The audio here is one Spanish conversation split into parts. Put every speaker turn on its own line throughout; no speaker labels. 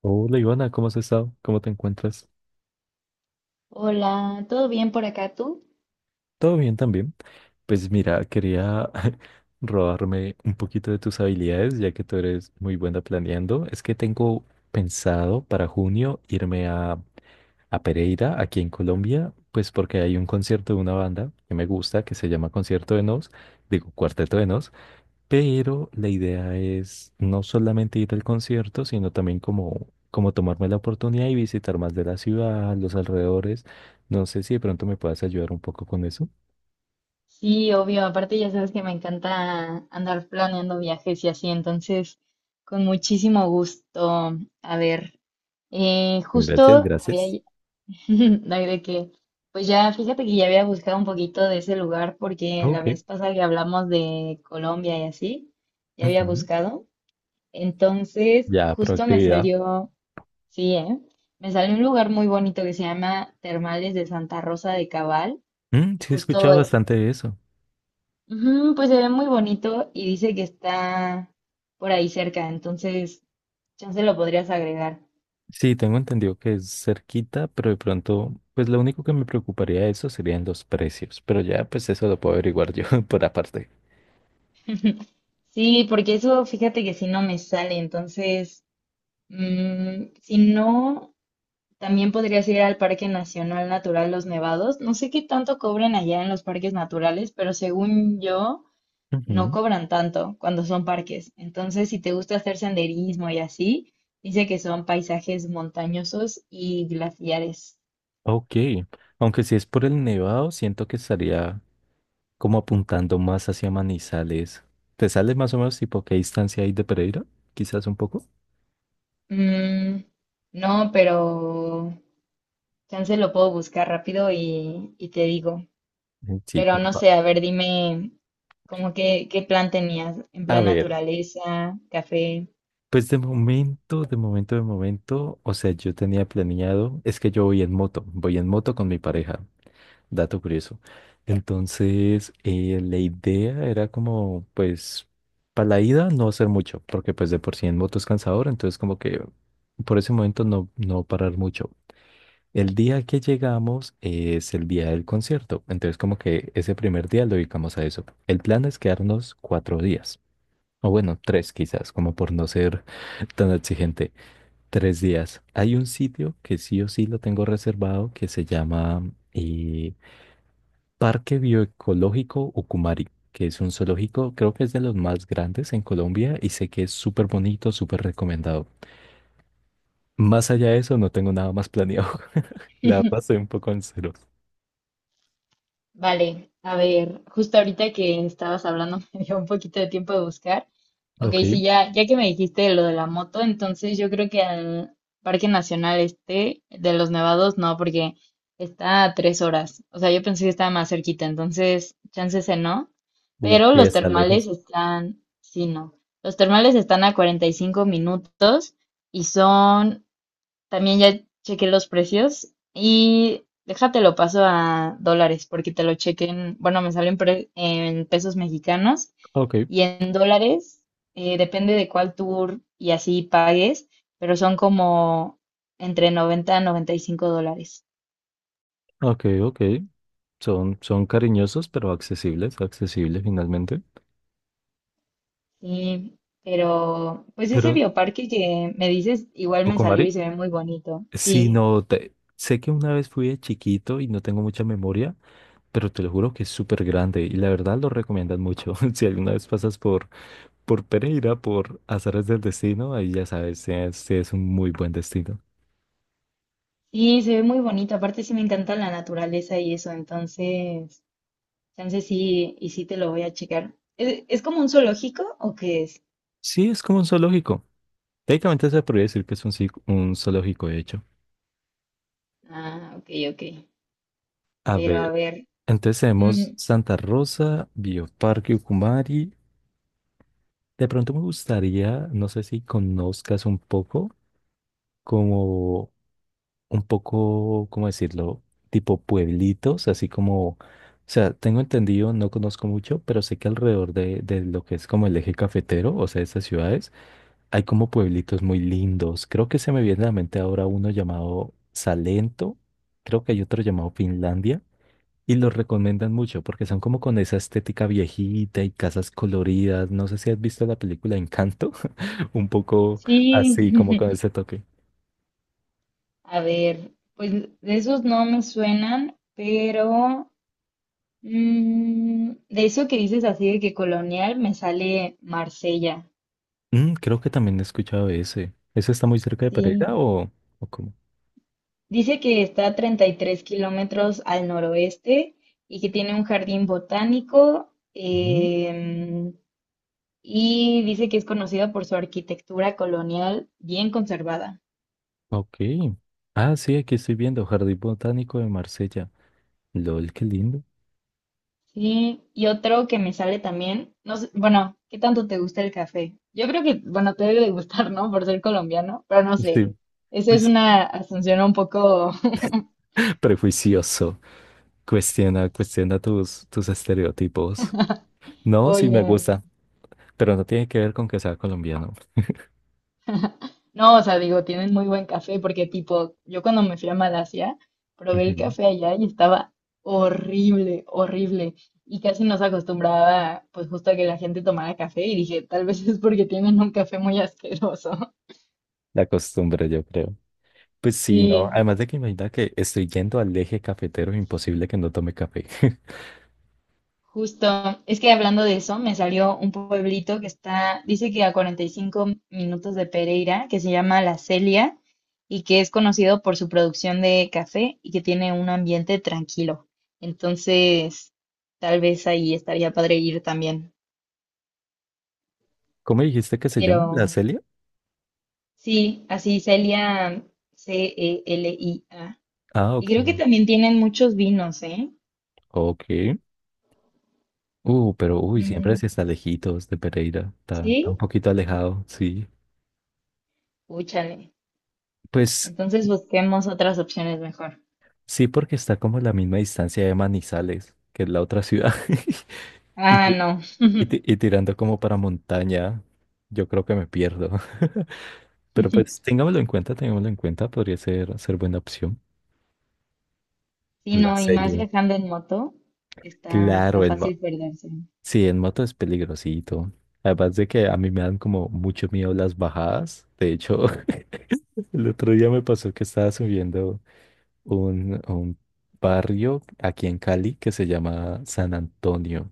Hola Ivana, ¿cómo has estado? ¿Cómo te encuentras?
Hola, ¿todo bien por acá tú?
¿Todo bien también? Pues mira, quería robarme un poquito de tus habilidades, ya que tú eres muy buena planeando. Es que tengo pensado para junio irme a Pereira, aquí en Colombia, pues porque hay un concierto de una banda que me gusta, que se llama Concierto de Nos, digo Cuarteto de Nos. Pero la idea es no solamente ir al concierto, sino también como tomarme la oportunidad y visitar más de la ciudad, los alrededores. No sé si de pronto me puedas ayudar un poco con eso.
Sí, obvio, aparte ya sabes que me encanta andar planeando viajes y así, entonces con muchísimo gusto. A ver,
Gracias,
justo había,
gracias.
ay, de qué. Pues ya fíjate que ya había buscado un poquito de ese lugar porque la
Ok.
vez pasada que hablamos de Colombia y así, ya había
Ujú.
buscado. Entonces,
Ya,
justo me
proactividad.
salió, sí, ¿eh? Me salió un lugar muy bonito que se llama Termales de Santa Rosa de Cabal.
Mm,
Y
sí, he
justo
escuchado bastante de eso.
ujú, pues se ve muy bonito y dice que está por ahí cerca, entonces chance lo podrías agregar.
Sí, tengo entendido que es cerquita, pero de pronto, pues lo único que me preocuparía de eso serían los precios. Pero ya, pues eso lo puedo averiguar yo por aparte.
Sí, porque eso fíjate que si no me sale, entonces si no, también podrías ir al Parque Nacional Natural Los Nevados. No sé qué tanto cobren allá en los parques naturales, pero según yo, no
Ujú.
cobran tanto cuando son parques. Entonces, si te gusta hacer senderismo y así, dice que son paisajes montañosos y glaciares.
Ok. Aunque si es por el nevado, siento que estaría, como apuntando más hacia Manizales. ¿Te sales más o menos tipo qué distancia hay de Pereira? Quizás un poco.
Mm, no, pero chance lo puedo buscar rápido y te digo.
Sí,
Pero
por
no
favor.
sé, a ver, dime, como que, ¿qué plan tenías? ¿En
A
plan
ver,
naturaleza, café?
pues de momento, o sea, yo tenía planeado, es que yo voy en moto con mi pareja, dato curioso. Entonces, la idea era como, pues, para la ida no hacer mucho, porque pues de por sí en moto es cansador, entonces como que por ese momento no parar mucho. El día que llegamos es el día del concierto, entonces como que ese primer día lo dedicamos a eso. El plan es quedarnos cuatro días, o bueno, tres quizás, como por no ser tan exigente. Tres días. Hay un sitio que sí o sí lo tengo reservado que se llama Parque Bioecológico Ucumari, que es un zoológico, creo que es de los más grandes en Colombia y sé que es súper bonito, súper recomendado. Más allá de eso, no tengo nada más planeado. La verdad, estoy un poco en cero.
Vale, a ver, justo ahorita que estabas hablando me dio un poquito de tiempo de buscar. Ok,
Ok.
sí, ya, ya que me dijiste lo de la moto, entonces yo creo que al Parque Nacional este de los Nevados no, porque está a 3 horas. O sea, yo pensé que estaba más cerquita, entonces chance ese no.
Uf,
Pero
sí,
los
está
termales
lejos.
están, sí, no. Los termales están a 45 minutos y son también ya chequé los precios y déjate lo paso a dólares porque te lo chequen, bueno, me salen en pesos mexicanos
Ok,
y en dólares, depende de cuál tour y así pagues, pero son como entre 90 a 95 dólares.
ok, ok. Son cariñosos, pero accesibles, accesibles finalmente.
Sí, pero pues ese
Pero,
bioparque que me dices, igual me salió y
Tucumari,
se ve muy bonito.
sí,
Sí,
no, sé que una vez fui de chiquito y no tengo mucha memoria, pero te lo juro que es súper grande y la verdad lo recomiendan mucho. Si alguna vez pasas por Pereira, por Azares del Destino, ahí ya sabes, sí es un muy buen destino.
sí, se ve muy bonito. Aparte sí me encanta la naturaleza y eso, entonces chance sí, y sí te lo voy a checar. ¿Es como un zoológico o qué es?
Sí, es como un zoológico. Técnicamente se podría decir que es un, un zoológico, de hecho.
Ah, ok, ok.
A
Pero a
ver.
ver,
Entonces
mm,
tenemos Santa Rosa, Bioparque Ucumari. De pronto me gustaría, no sé si conozcas un poco, como un poco, ¿cómo decirlo? Tipo pueblitos, así como, o sea, tengo entendido, no conozco mucho, pero sé que alrededor de lo que es como el eje cafetero, o sea, de esas ciudades, hay como pueblitos muy lindos. Creo que se me viene a la mente ahora uno llamado Salento, creo que hay otro llamado Finlandia. Y los recomiendan mucho porque son como con esa estética viejita y casas coloridas. No sé si has visto la película Encanto, un poco
sí,
así, como con ese toque.
a ver, pues de esos no me suenan, pero de eso que dices así de que colonial me sale Marsella,
Mm, creo que también he escuchado ese. ¿Ese está muy cerca de
sí.
Pereira, o cómo?
Dice que está a 33 kilómetros al noroeste y que tiene un jardín botánico.
Ujú.
em, y dice que es conocida por su arquitectura colonial bien conservada.
Ok. Ah, sí, aquí estoy viendo Jardín Botánico de Marsella. LOL, qué lindo.
Sí, y otro que me sale también, no sé, bueno, ¿qué tanto te gusta el café? Yo creo que, bueno, te debe de gustar, ¿no? Por ser colombiano, pero no
Sí,
sé. Esa es
pues
una asunción un poco,
prejuicioso. Cuestiona, cuestiona tus, tus estereotipos. No, sí me
oye.
gusta, pero no tiene que ver con que sea colombiano.
No, o sea, digo, tienen muy buen café porque tipo, yo cuando me fui a Malasia, probé el
Ujú.
café allá y estaba horrible, horrible. Y casi no se acostumbraba, pues justo a que la gente tomara café y dije, tal vez es porque tienen un café muy asqueroso.
La costumbre, yo creo. Pues sí. Mm, no.
Sí,
Además de que imagina que estoy yendo al eje cafetero, imposible que no tome café.
justo, es que hablando de eso, me salió un pueblito que está, dice que a 45 minutos de Pereira, que se llama La Celia y que es conocido por su producción de café y que tiene un ambiente tranquilo. Entonces, tal vez ahí estaría padre ir también.
¿Cómo dijiste que se llama? ¿La
Pero
Celia?
sí, así Celia, Celia.
Ah,
Y
ok.
creo que también tienen muchos vinos, ¿eh?
Ok. Pero uy, siempre
Mm,
sí está lejitos de Pereira. Está un
¿sí?
poquito alejado, sí.
Úchale.
Pues
Entonces busquemos otras opciones mejor.
sí, porque está como a la misma distancia de Manizales, que es la otra ciudad. Y,
Ah, no.
y tirando como para montaña, yo creo que me pierdo. Pero pues tengámoslo en cuenta, podría ser, ser buena opción.
Sí,
La
no, y más
serie.
viajando en moto, está
Claro,
fácil perderse.
sí, en moto es peligrosito. Además de que a mí me dan como mucho miedo las bajadas. De hecho, el otro día me pasó que estaba subiendo un barrio aquí en Cali que se llama San Antonio.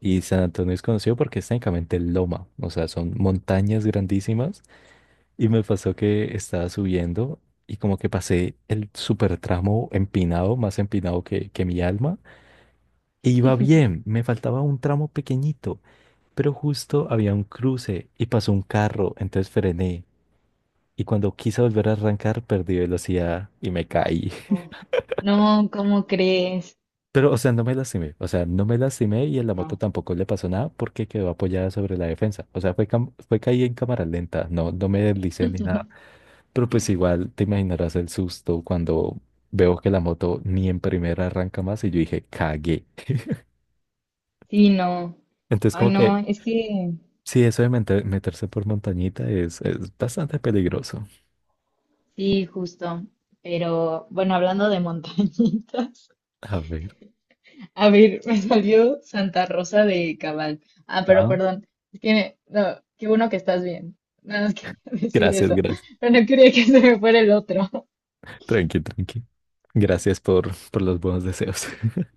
Y San Antonio es conocido porque es técnicamente loma, o sea, son montañas grandísimas. Y me pasó que estaba subiendo y como que pasé el super tramo empinado, más empinado que mi alma. E iba bien, me faltaba un tramo pequeñito, pero justo había un cruce y pasó un carro, entonces frené. Y cuando quise volver a arrancar, perdí velocidad y me caí.
Oh, no, ¿cómo crees?
Pero, o sea, no me lastimé, o sea, no me lastimé y en la moto
No.
tampoco le pasó nada porque quedó apoyada sobre la defensa. O sea, fue, fue caí en cámara lenta, no, no me deslicé ni nada. Pero pues igual te imaginarás el susto cuando veo que la moto ni en primera arranca más y yo dije, cagué.
Sí, no.
Entonces
Ay,
como
no,
que
es que
sí, eso de meterse por montañita es bastante peligroso.
sí, justo. Pero bueno, hablando de montañitas,
A ver.
a ver, me salió Santa Rosa de Cabal. Ah, pero
Ah,
perdón, es que no, qué bueno que estás bien. Nada más quería decir
gracias. Sí,
eso,
gracias.
pero no quería que se me fuera el otro.
Tranqui, tranqui. Gracias por los buenos deseos.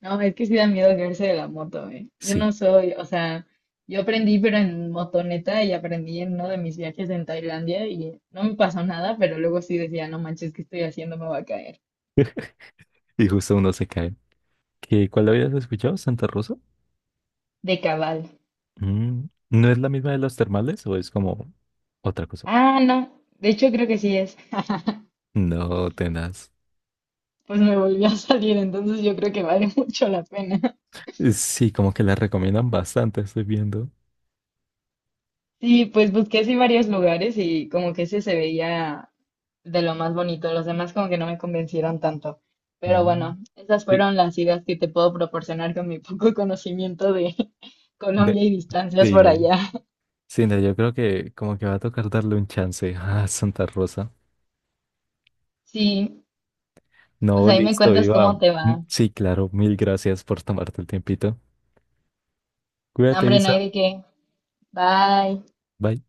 No, es que sí da miedo caerse de la moto, ¿eh? Yo
Sí.
no soy, o sea, yo aprendí, pero en motoneta y aprendí en uno de mis viajes en Tailandia y no me pasó nada, pero luego sí decía, no manches, ¿qué estoy haciendo? Me voy a caer.
Y justo uno se cae. ¿Qué, cuál habías escuchado? ¿Santa Rosa?
De cabal.
Mm, ¿no es la misma de los termales o es como otra cosa?
Ah, no, de hecho creo que sí es.
No, tenaz.
Pues me volvió a salir, entonces yo creo que vale mucho la pena.
Sí, como que la recomiendan bastante, estoy viendo.
Sí, pues busqué así varios lugares y como que ese se veía de lo más bonito. Los demás como que no me convencieron tanto. Pero
Mm,
bueno, esas
sí,
fueron las ideas que te puedo proporcionar con mi poco conocimiento de
de,
Colombia y distancias por
sí,
allá.
sí, no, yo creo que como que va a tocar darle un chance a Santa Rosa.
Sí, pues
No,
ahí me
listo,
cuentas cómo
Iba.
te va.
Sí, claro, mil gracias por tomarte el tiempito.
No,
Cuídate,
hombre, no
Isa.
hay de qué. Bye.
Bye.